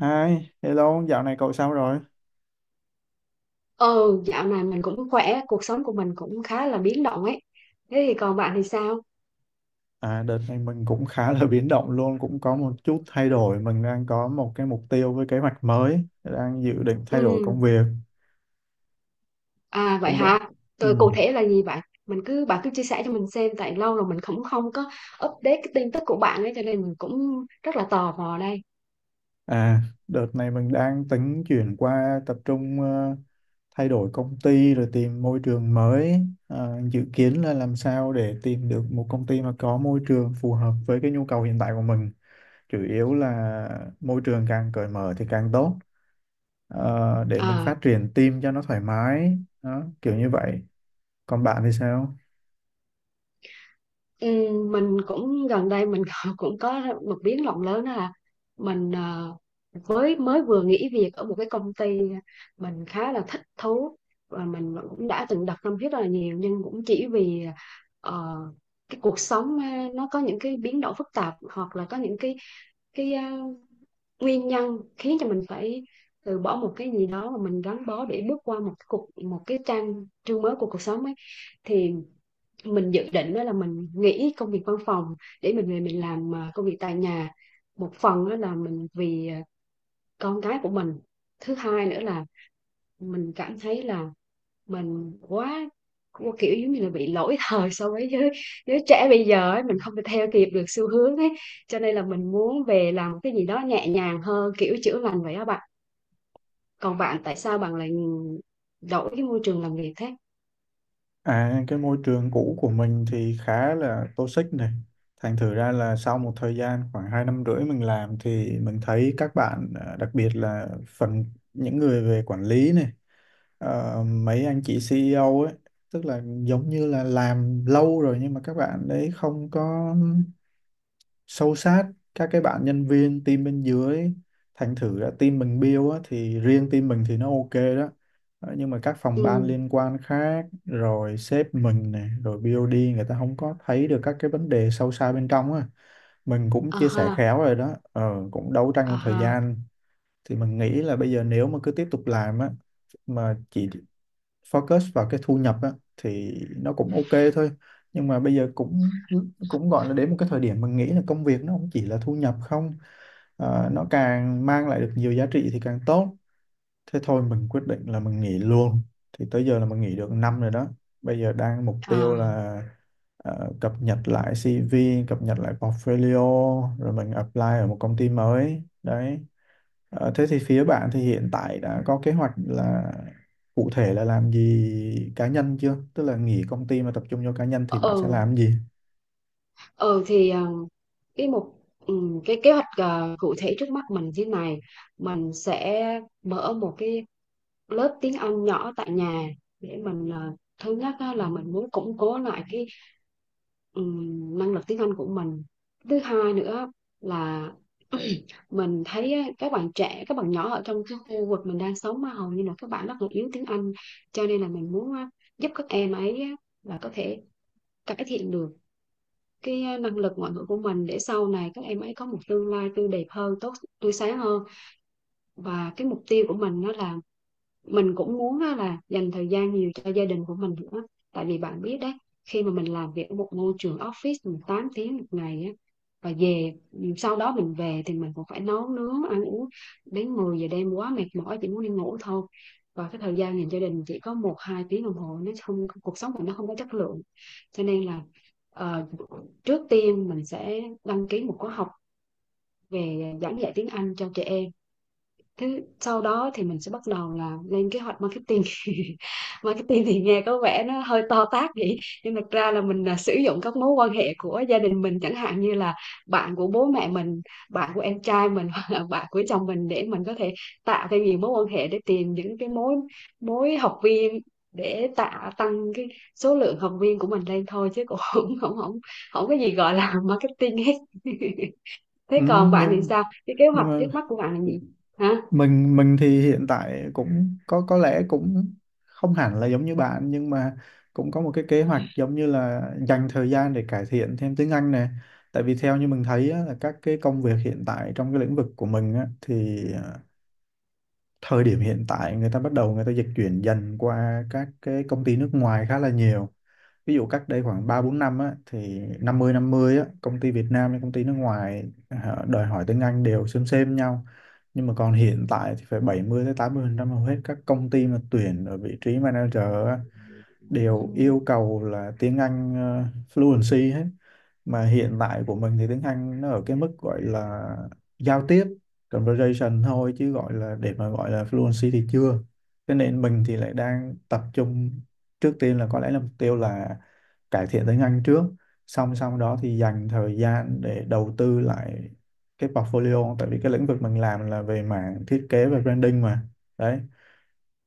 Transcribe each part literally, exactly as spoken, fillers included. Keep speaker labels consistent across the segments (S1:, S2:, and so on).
S1: Hi, hello, dạo này cậu sao rồi?
S2: Ừ, Dạo này mình cũng khỏe, cuộc sống của mình cũng khá là biến động ấy. Thế thì còn bạn thì sao?
S1: À, đợt này mình cũng khá là biến động luôn, cũng có một chút thay đổi. Mình đang có một cái mục tiêu với kế hoạch mới, đang dự định
S2: Ừ,
S1: thay đổi công việc.
S2: à vậy
S1: Không được.
S2: hả?
S1: Ừ.
S2: Tôi cụ thể là gì vậy? Mình cứ Bạn cứ chia sẻ cho mình xem, tại lâu rồi mình cũng không có update cái tin tức của bạn ấy, cho nên mình cũng rất là tò mò đây.
S1: À, đợt này mình đang tính chuyển qua tập trung ờ, thay đổi công ty rồi tìm môi trường mới. À, dự kiến là làm sao để tìm được một công ty mà có môi trường phù hợp với cái nhu cầu hiện tại của mình. Chủ yếu là môi trường càng cởi mở thì càng tốt. Ờ, để mình
S2: À.
S1: phát triển team cho nó thoải mái đó, kiểu như vậy. Còn bạn thì sao?
S2: Ừ, mình cũng gần đây mình cũng có một biến động lớn, đó là mình ờ, với mới vừa nghỉ việc ở một cái công ty mình khá là thích thú và mình cũng đã từng đặt tâm huyết rất là nhiều, nhưng cũng chỉ vì ờ, cái cuộc sống ờ, nó có những cái biến động phức tạp, hoặc là có những cái cái ờ, nguyên nhân khiến cho mình phải từ bỏ một cái gì đó mà mình gắn bó để bước qua một cái cuộc một cái trang chương mới của cuộc sống ấy. Thì mình dự định đó là mình nghỉ công việc văn phòng để mình về mình làm à, công việc tại nhà. Một phần đó là mình vì à, con cái của mình, thứ hai nữa là mình cảm thấy là mình quá quá kiểu giống như là bị lỗi thời so với giới, giới trẻ bây giờ ấy, mình không thể theo kịp được xu hướng ấy, cho nên là mình muốn về làm cái gì đó nhẹ nhàng hơn, kiểu chữa lành vậy đó bạn. Còn bạn tại sao bạn lại đổi cái môi trường làm việc thế?
S1: À, cái môi trường cũ của mình thì khá là toxic này. Thành thử ra là sau một thời gian khoảng hai năm rưỡi mình làm thì mình thấy các bạn, à, đặc biệt là phần những người về quản lý này, ờ, mấy anh chị C E O ấy, tức là giống như là làm lâu rồi nhưng mà các bạn đấy không có sâu sát các cái bạn nhân viên team bên dưới. Thành thử là team mình build á, thì riêng team mình thì nó ok đó. Ờ, nhưng mà các phòng ban
S2: Ừ.
S1: liên quan khác rồi sếp mình này rồi bi âu đi người ta không có thấy được các cái vấn đề sâu xa bên trong á. Mình cũng
S2: À
S1: chia
S2: ha.
S1: sẻ khéo rồi đó, ờ, cũng đấu tranh
S2: À
S1: một thời
S2: ha.
S1: gian. Thì mình nghĩ là bây giờ nếu mà cứ tiếp tục làm á, mà chỉ focus vào cái thu nhập á, thì nó cũng ok thôi. Nhưng mà bây giờ cũng cũng gọi là đến một cái thời điểm mình nghĩ là công việc nó không chỉ là thu nhập không. Ờ, nó càng mang lại được nhiều giá trị thì càng tốt. Thế thôi mình quyết định là mình nghỉ luôn. Thì tới giờ là mình nghỉ được năm rồi đó. Bây giờ đang mục tiêu
S2: À.
S1: là ờ, cập nhật lại xi vi, cập nhật lại portfolio, rồi mình apply ở một công ty mới. Đấy. Ờ, thế thì phía bạn thì hiện tại đã có kế hoạch là cụ thể là làm gì cá nhân chưa? Tức là nghỉ công ty mà tập trung vô cá nhân thì bạn sẽ
S2: Ừ.
S1: làm gì?
S2: Ừ thì ờ, cái mục ừm, cái kế hoạch ờ, cụ thể trước mắt mình thế này: mình sẽ mở một cái lớp tiếng Anh nhỏ tại nhà để mình ờ, thứ nhất á, là mình muốn củng cố lại cái ừm, năng lực tiếng Anh của mình, thứ hai nữa là mình thấy á, các bạn trẻ các bạn nhỏ ở trong cái khu vực mình đang sống mà hầu như là các bạn rất là yếu tiếng Anh, cho nên là mình muốn á, giúp các em ấy á, là có thể cải thiện được cái à, năng lực ngoại ngữ của mình để sau này các em ấy có một tương lai tươi đẹp hơn, tốt tươi sáng hơn. Và cái mục tiêu của mình đó là mình cũng muốn là dành thời gian nhiều cho gia đình của mình nữa, tại vì bạn biết đấy, khi mà mình làm việc ở một môi trường office mình tám tiếng một ngày á, và về sau đó mình về thì mình cũng phải nấu nướng ăn uống đến mười giờ đêm, quá mệt mỏi chỉ muốn đi ngủ thôi, và cái thời gian dành cho gia đình chỉ có một hai tiếng đồng hồ, nó không cuộc sống của nó không có chất lượng. Cho nên là ờ, trước tiên mình sẽ đăng ký một khóa học về giảng dạy tiếng Anh cho trẻ em. Thế sau đó thì mình sẽ bắt đầu là lên kế hoạch marketing. Marketing thì nghe có vẻ nó hơi to tát vậy, nhưng thực ra là mình là sử dụng các mối quan hệ của gia đình mình, chẳng hạn như là bạn của bố mẹ mình, bạn của em trai mình, hoặc là bạn của chồng mình, để mình có thể tạo thêm nhiều mối quan hệ để tìm những cái mối mối học viên, để tạo tăng cái số lượng học viên của mình lên thôi, chứ cũng không không không không có gì gọi là marketing hết.
S1: Ừ,
S2: Thế còn bạn thì
S1: nhưng
S2: sao, cái kế hoạch
S1: nhưng
S2: trước
S1: mà
S2: mắt của bạn là gì? Hả?
S1: mình mình thì hiện tại cũng có có lẽ cũng không hẳn là giống như bạn nhưng mà cũng có một cái kế hoạch giống như là dành thời gian để cải thiện thêm tiếng Anh này. Tại vì theo như mình thấy á, là các cái công việc hiện tại trong cái lĩnh vực của mình á, thì à, thời điểm hiện tại người ta bắt đầu người ta dịch chuyển dần qua các cái công ty nước ngoài khá là nhiều. Ví dụ cách đây khoảng ba bốn năm á thì năm mươi năm mươi á công ty Việt Nam với công ty nước ngoài ờ, đòi hỏi tiếng Anh đều xem xem nhau. Nhưng mà còn hiện tại thì phải bảy mươi tới tám mươi phần trăm hầu hết các công ty mà tuyển ở vị trí manager á, đều yêu cầu là tiếng Anh ờ, fluency hết. Mà hiện tại của mình thì tiếng Anh nó ở cái mức gọi là giao tiếp conversation thôi chứ gọi là để mà gọi là fluency thì chưa. Thế nên mình thì lại đang tập trung trước tiên là có lẽ là mục tiêu là cải thiện tiếng Anh trước, song song đó thì dành thời gian để đầu tư lại cái portfolio tại vì cái lĩnh vực mình làm là về mảng thiết kế và branding mà. Đấy.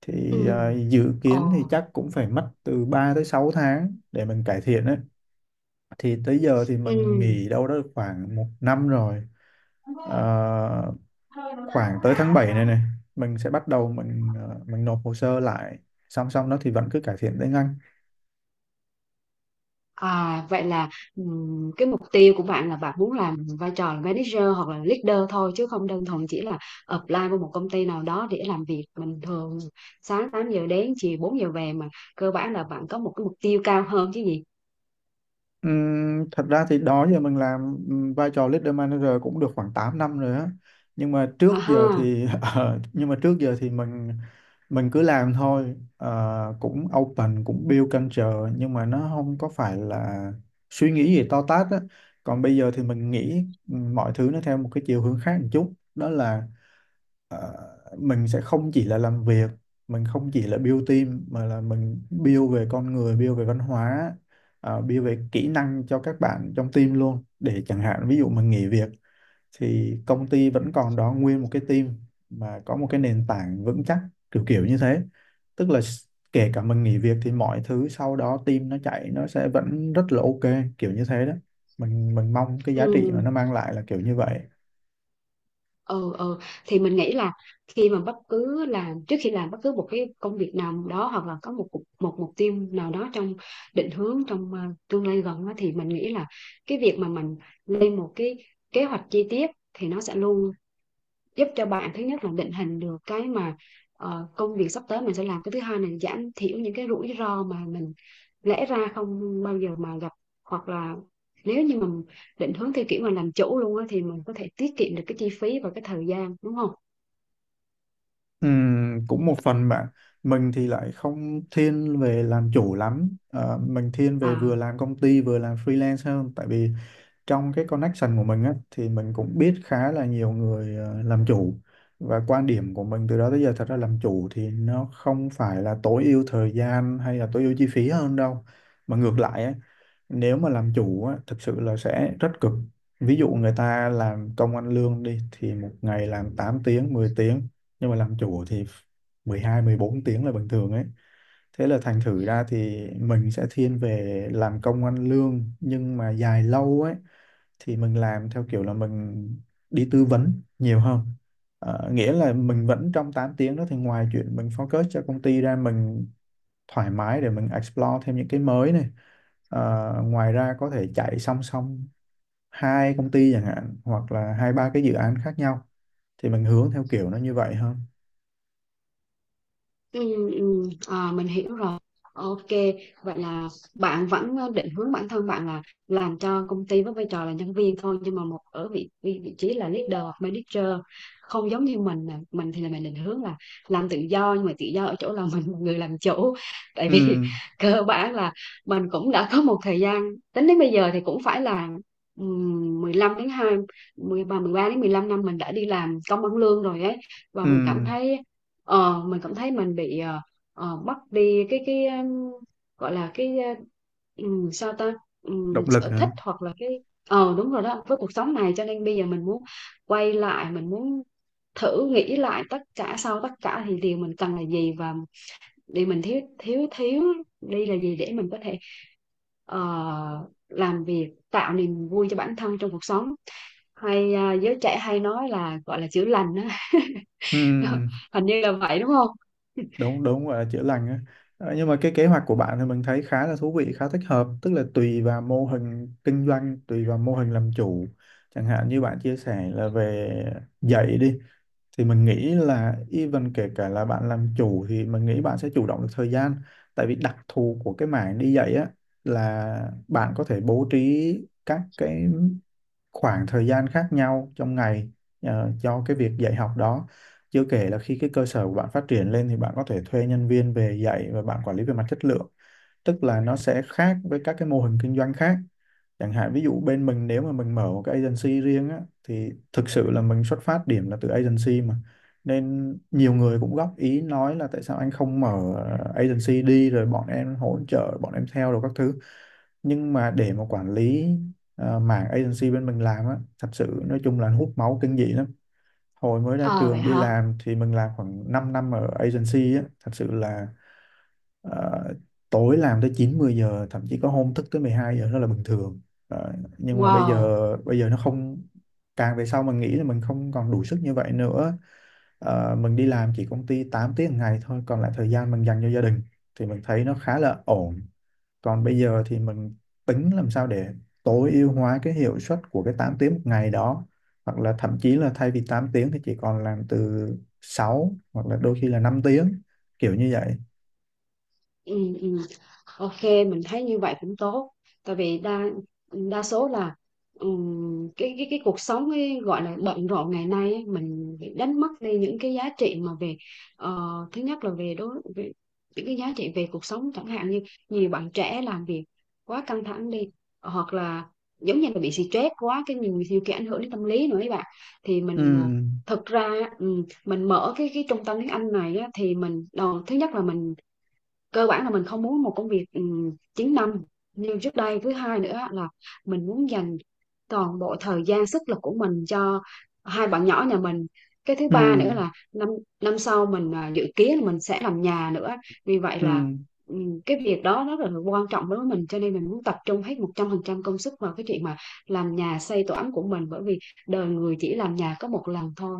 S1: Thì
S2: Ừ.
S1: ờ, dự
S2: Ờ.
S1: kiến thì chắc cũng phải mất từ ba tới sáu tháng để mình cải thiện. Đấy. Thì tới giờ thì
S2: Ừ.
S1: mình nghỉ đâu đó khoảng một năm rồi. Ờ, khoảng tới tháng bảy này này mình sẽ bắt đầu mình ờ, mình nộp hồ sơ lại, song song đó thì vẫn cứ cải thiện tiếng Anh.
S2: À, vậy là ừm, cái mục tiêu của bạn là bạn muốn làm vai trò là manager hoặc là leader thôi, chứ không đơn thuần chỉ là apply vào một công ty nào đó để làm việc bình thường, sáng tám giờ đến chiều bốn giờ về, mà cơ bản là bạn có một cái mục tiêu cao hơn chứ gì.
S1: Ừm, thật ra thì đó giờ mình làm ừm, vai trò leader manager cũng được khoảng tám năm rồi á, nhưng mà trước
S2: À
S1: giờ
S2: ha.
S1: thì ờ, nhưng mà trước giờ thì mình mình cứ làm thôi. Ờ, cũng open cũng build culture nhưng mà nó không có phải là suy nghĩ gì to tát á. Còn bây giờ thì mình nghĩ ừm, mọi thứ nó theo một cái chiều hướng khác một chút đó là ờ, mình sẽ không chỉ là làm việc, mình không chỉ là build team mà là mình build về con người, build về văn hóa, ờ, build về kỹ năng cho các bạn trong team luôn, để chẳng hạn ví dụ mình nghỉ việc thì công ty vẫn còn đó nguyên một cái team mà có một cái nền tảng vững chắc, kiểu kiểu như thế. tức là s- Kể cả mình nghỉ việc thì mọi thứ sau đó team nó chạy nó sẽ vẫn rất là ok, kiểu như thế đó. Mình mình mong cái giá trị
S2: Ừ.
S1: mà nó mang lại là kiểu như vậy.
S2: Ừ ừ, thì mình nghĩ là khi mà bất cứ làm trước khi làm bất cứ một cái công việc nào đó, hoặc là có một cục- một mục tiêu nào đó trong định hướng, trong ờ, tương lai gần đó, thì mình nghĩ là cái việc mà mình lên một cái kế hoạch chi tiết thì nó sẽ luôn giúp cho bạn, thứ nhất là định hình được cái mà ờ, công việc sắp tới mình sẽ làm, cái thứ hai là giảm thiểu những cái rủi ro mà mình lẽ ra không bao giờ mà gặp, hoặc là nếu như mình định hướng theo kiểu mà làm chủ luôn á thì mình có thể tiết kiệm được cái chi phí và cái thời gian, đúng không?
S1: Ừm, cũng một phần bạn, mình thì lại không thiên về làm chủ lắm. Ờ, mình thiên về vừa
S2: À.
S1: làm công ty vừa làm freelance hơn, tại vì trong cái connection của mình á thì mình cũng biết khá là nhiều người ờ, làm chủ. Và quan điểm của mình từ đó tới giờ thật ra làm chủ thì nó không phải là tối ưu thời gian hay là tối ưu chi phí hơn đâu, mà ngược lại á, nếu mà làm chủ á, thực sự là sẽ rất cực. Ví dụ người ta làm công ăn lương đi thì một ngày làm tám tiếng mười tiếng, nhưng mà làm chủ thì mười hai mười bốn tiếng là bình thường ấy. Thế là thành thử ra thì mình sẽ thiên về làm công ăn lương nhưng mà dài lâu ấy, thì mình làm theo kiểu là mình đi tư vấn nhiều hơn. Ờ, nghĩa là mình vẫn trong tám tiếng đó thì ngoài chuyện mình focus cho công ty ra, mình thoải mái để mình explore thêm những cái mới này. Ờ, ngoài ra có thể chạy song song hai công ty chẳng hạn hoặc là hai ba cái dự án khác nhau, thì mình hướng theo kiểu nó như vậy hơn.
S2: Ừ, ừ, à, mình hiểu rồi. Ok, vậy là bạn vẫn ờ, định hướng bản thân bạn là làm cho công ty với vai trò là nhân viên thôi, nhưng mà một ở vị vị, vị trí là leader hoặc manager, không giống như mình nè. Mình thì là mình định hướng là làm tự do, nhưng mà tự do ở chỗ là mình là người làm chủ. Tại
S1: Ừ,
S2: vì cơ bản là mình cũng đã có một thời gian, tính đến bây giờ thì cũng phải là ừm, 15 đến hai mười ba mười ba đến mười lăm năm mình đã đi làm công ăn lương rồi ấy. Và mình cảm
S1: ừ,
S2: thấy ờ, mình cảm thấy mình bị ờ, ờ, mất đi cái cái um, gọi là cái ờ, ừm, sao ta. Ừm,
S1: động lực
S2: sở thích,
S1: hả?
S2: hoặc là cái. Ờ đúng rồi đó, với cuộc sống này, cho nên bây giờ mình muốn quay lại, mình muốn thử nghĩ lại tất cả, sau tất cả thì điều mình cần là gì và điều mình thiếu thiếu thiếu đi là gì, để mình có thể ờ, làm việc tạo niềm vui cho bản thân trong cuộc sống, hay ờ, giới trẻ hay nói là gọi là chữa lành á.
S1: Ừ,
S2: Hình như là vậy đúng không?
S1: đúng đúng, gọi là chữa lành á. Ờ, nhưng mà cái kế hoạch của bạn thì mình thấy khá là thú vị, khá thích hợp. Tức là tùy vào mô hình kinh doanh tùy vào mô hình làm chủ, chẳng hạn như bạn chia sẻ là về dạy đi, thì mình nghĩ là even kể cả là bạn làm chủ thì mình nghĩ bạn sẽ chủ động được thời gian. Tại vì đặc thù của cái mảng đi dạy á là bạn có thể bố trí các cái khoảng thời gian khác nhau trong ngày ờ, cho cái việc dạy học đó. Chưa kể là khi cái cơ sở của bạn phát triển lên thì bạn có thể thuê nhân viên về dạy và bạn quản lý về mặt chất lượng. Tức là nó sẽ khác với các cái mô hình kinh doanh khác. Chẳng hạn ví dụ bên mình nếu mà mình mở một cái agency riêng á thì thực sự là mình xuất phát điểm là từ agency mà, nên nhiều người cũng góp ý nói là tại sao anh không mở agency đi rồi bọn em hỗ trợ bọn em theo rồi các thứ. Nhưng mà để mà quản lý ờ, mảng agency bên mình làm á, thật sự nói chung là hút máu kinh dị lắm. Hồi mới ra
S2: Ờ vậy
S1: trường đi
S2: hả?
S1: làm thì mình làm khoảng 5 năm ở agency á, thật sự là Ờ, tối làm tới chín mười giờ, thậm chí có hôm thức tới mười hai giờ đó là bình thường. Ờ, nhưng mà bây
S2: Wow.
S1: giờ bây giờ nó không, càng về sau mình nghĩ là mình không còn đủ sức như vậy nữa. Ờ, mình đi làm chỉ công ty tám tiếng một ngày thôi, còn lại thời gian mình dành cho gia đình thì mình thấy nó khá là ổn. Còn bây giờ thì mình tính làm sao để tối ưu hóa cái hiệu suất của cái tám tiếng một ngày đó, hoặc là thậm chí là thay vì tám tiếng thì chỉ còn làm từ sáu hoặc là đôi khi là năm tiếng, kiểu như vậy.
S2: Ừ, ừ. Ok, mình thấy như vậy cũng tốt, tại vì đa đa số là ừm, cái cái cái cuộc sống ấy, gọi là bận rộn ngày nay ấy, mình bị đánh mất đi những cái giá trị mà về ờ, thứ nhất là về đối về những cái giá trị về cuộc sống, chẳng hạn như nhiều bạn trẻ làm việc quá căng thẳng đi, hoặc là giống như là bị stress quá, cái nhiều nhiều khi ảnh hưởng đến tâm lý nữa ấy bạn. Thì
S1: Ừ.
S2: mình ờ, thực ra á, ừm, mình mở cái cái trung tâm tiếng Anh này á, thì mình đầu thứ nhất là mình cơ bản là mình không muốn một công việc um, chín năm như trước đây, thứ hai nữa là mình muốn dành toàn bộ thời gian sức lực của mình cho hai bạn nhỏ nhà mình. Cái thứ
S1: Ừ,
S2: ba nữa là năm năm sau mình à, dự kiến là mình sẽ làm nhà nữa, vì vậy
S1: ừ,
S2: là ừm, cái việc đó rất là quan trọng đối với mình, cho nên mình muốn tập trung hết một trăm phần trăm công sức vào cái chuyện mà làm nhà xây tổ ấm của mình. Bởi vì đời người chỉ làm nhà có một lần thôi,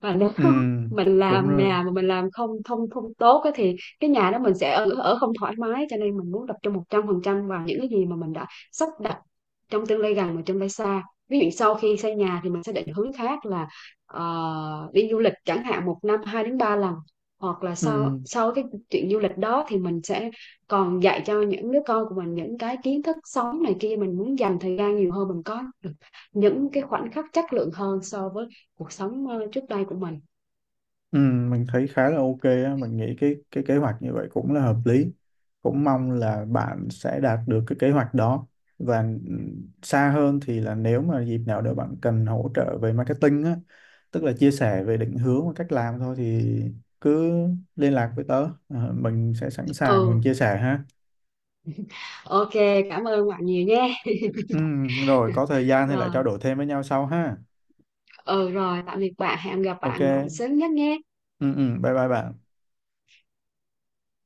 S2: và nếu
S1: ừ,
S2: mình
S1: đúng
S2: làm
S1: rồi.
S2: nhà mà mình làm không không không tốt á thì cái nhà đó mình sẽ ở, ở không thoải mái, cho nên mình muốn tập trung một trăm phần trăm vào những cái gì mà mình đã sắp đặt trong tương lai gần và tương lai xa. Ví dụ sau khi xây nhà thì mình sẽ định hướng khác là ờ, đi du lịch chẳng hạn, một năm hai đến ba lần, hoặc là sau
S1: Ừ,
S2: sau cái chuyện du lịch đó thì mình sẽ còn dạy cho những đứa con của mình những cái kiến thức sống này kia, mình muốn dành thời gian nhiều hơn, mình có được những cái khoảnh khắc chất lượng hơn so với cuộc sống ờ, trước đây của mình.
S1: ừ, mình thấy khá là ok á, mình nghĩ cái cái kế hoạch như vậy cũng là hợp lý, cũng mong là bạn sẽ đạt được cái kế hoạch đó. Và ừ, xa hơn thì là nếu mà dịp nào đó bạn cần hỗ trợ về marketing á, tức là chia sẻ về định hướng và cách làm thôi, thì cứ liên lạc với tớ. Ờ, mình sẽ sẵn sàng mình
S2: Ừ.
S1: chia sẻ ha.
S2: Ok, cảm ơn bạn nhiều nha.
S1: Ừ, rồi có thời gian thì lại trao
S2: Rồi,
S1: đổi thêm với nhau sau ha.
S2: ừ rồi, tạm biệt bạn, hẹn gặp
S1: Ok,
S2: bạn lại sớm nhất nhé.
S1: ừ ừ, bye bye bạn.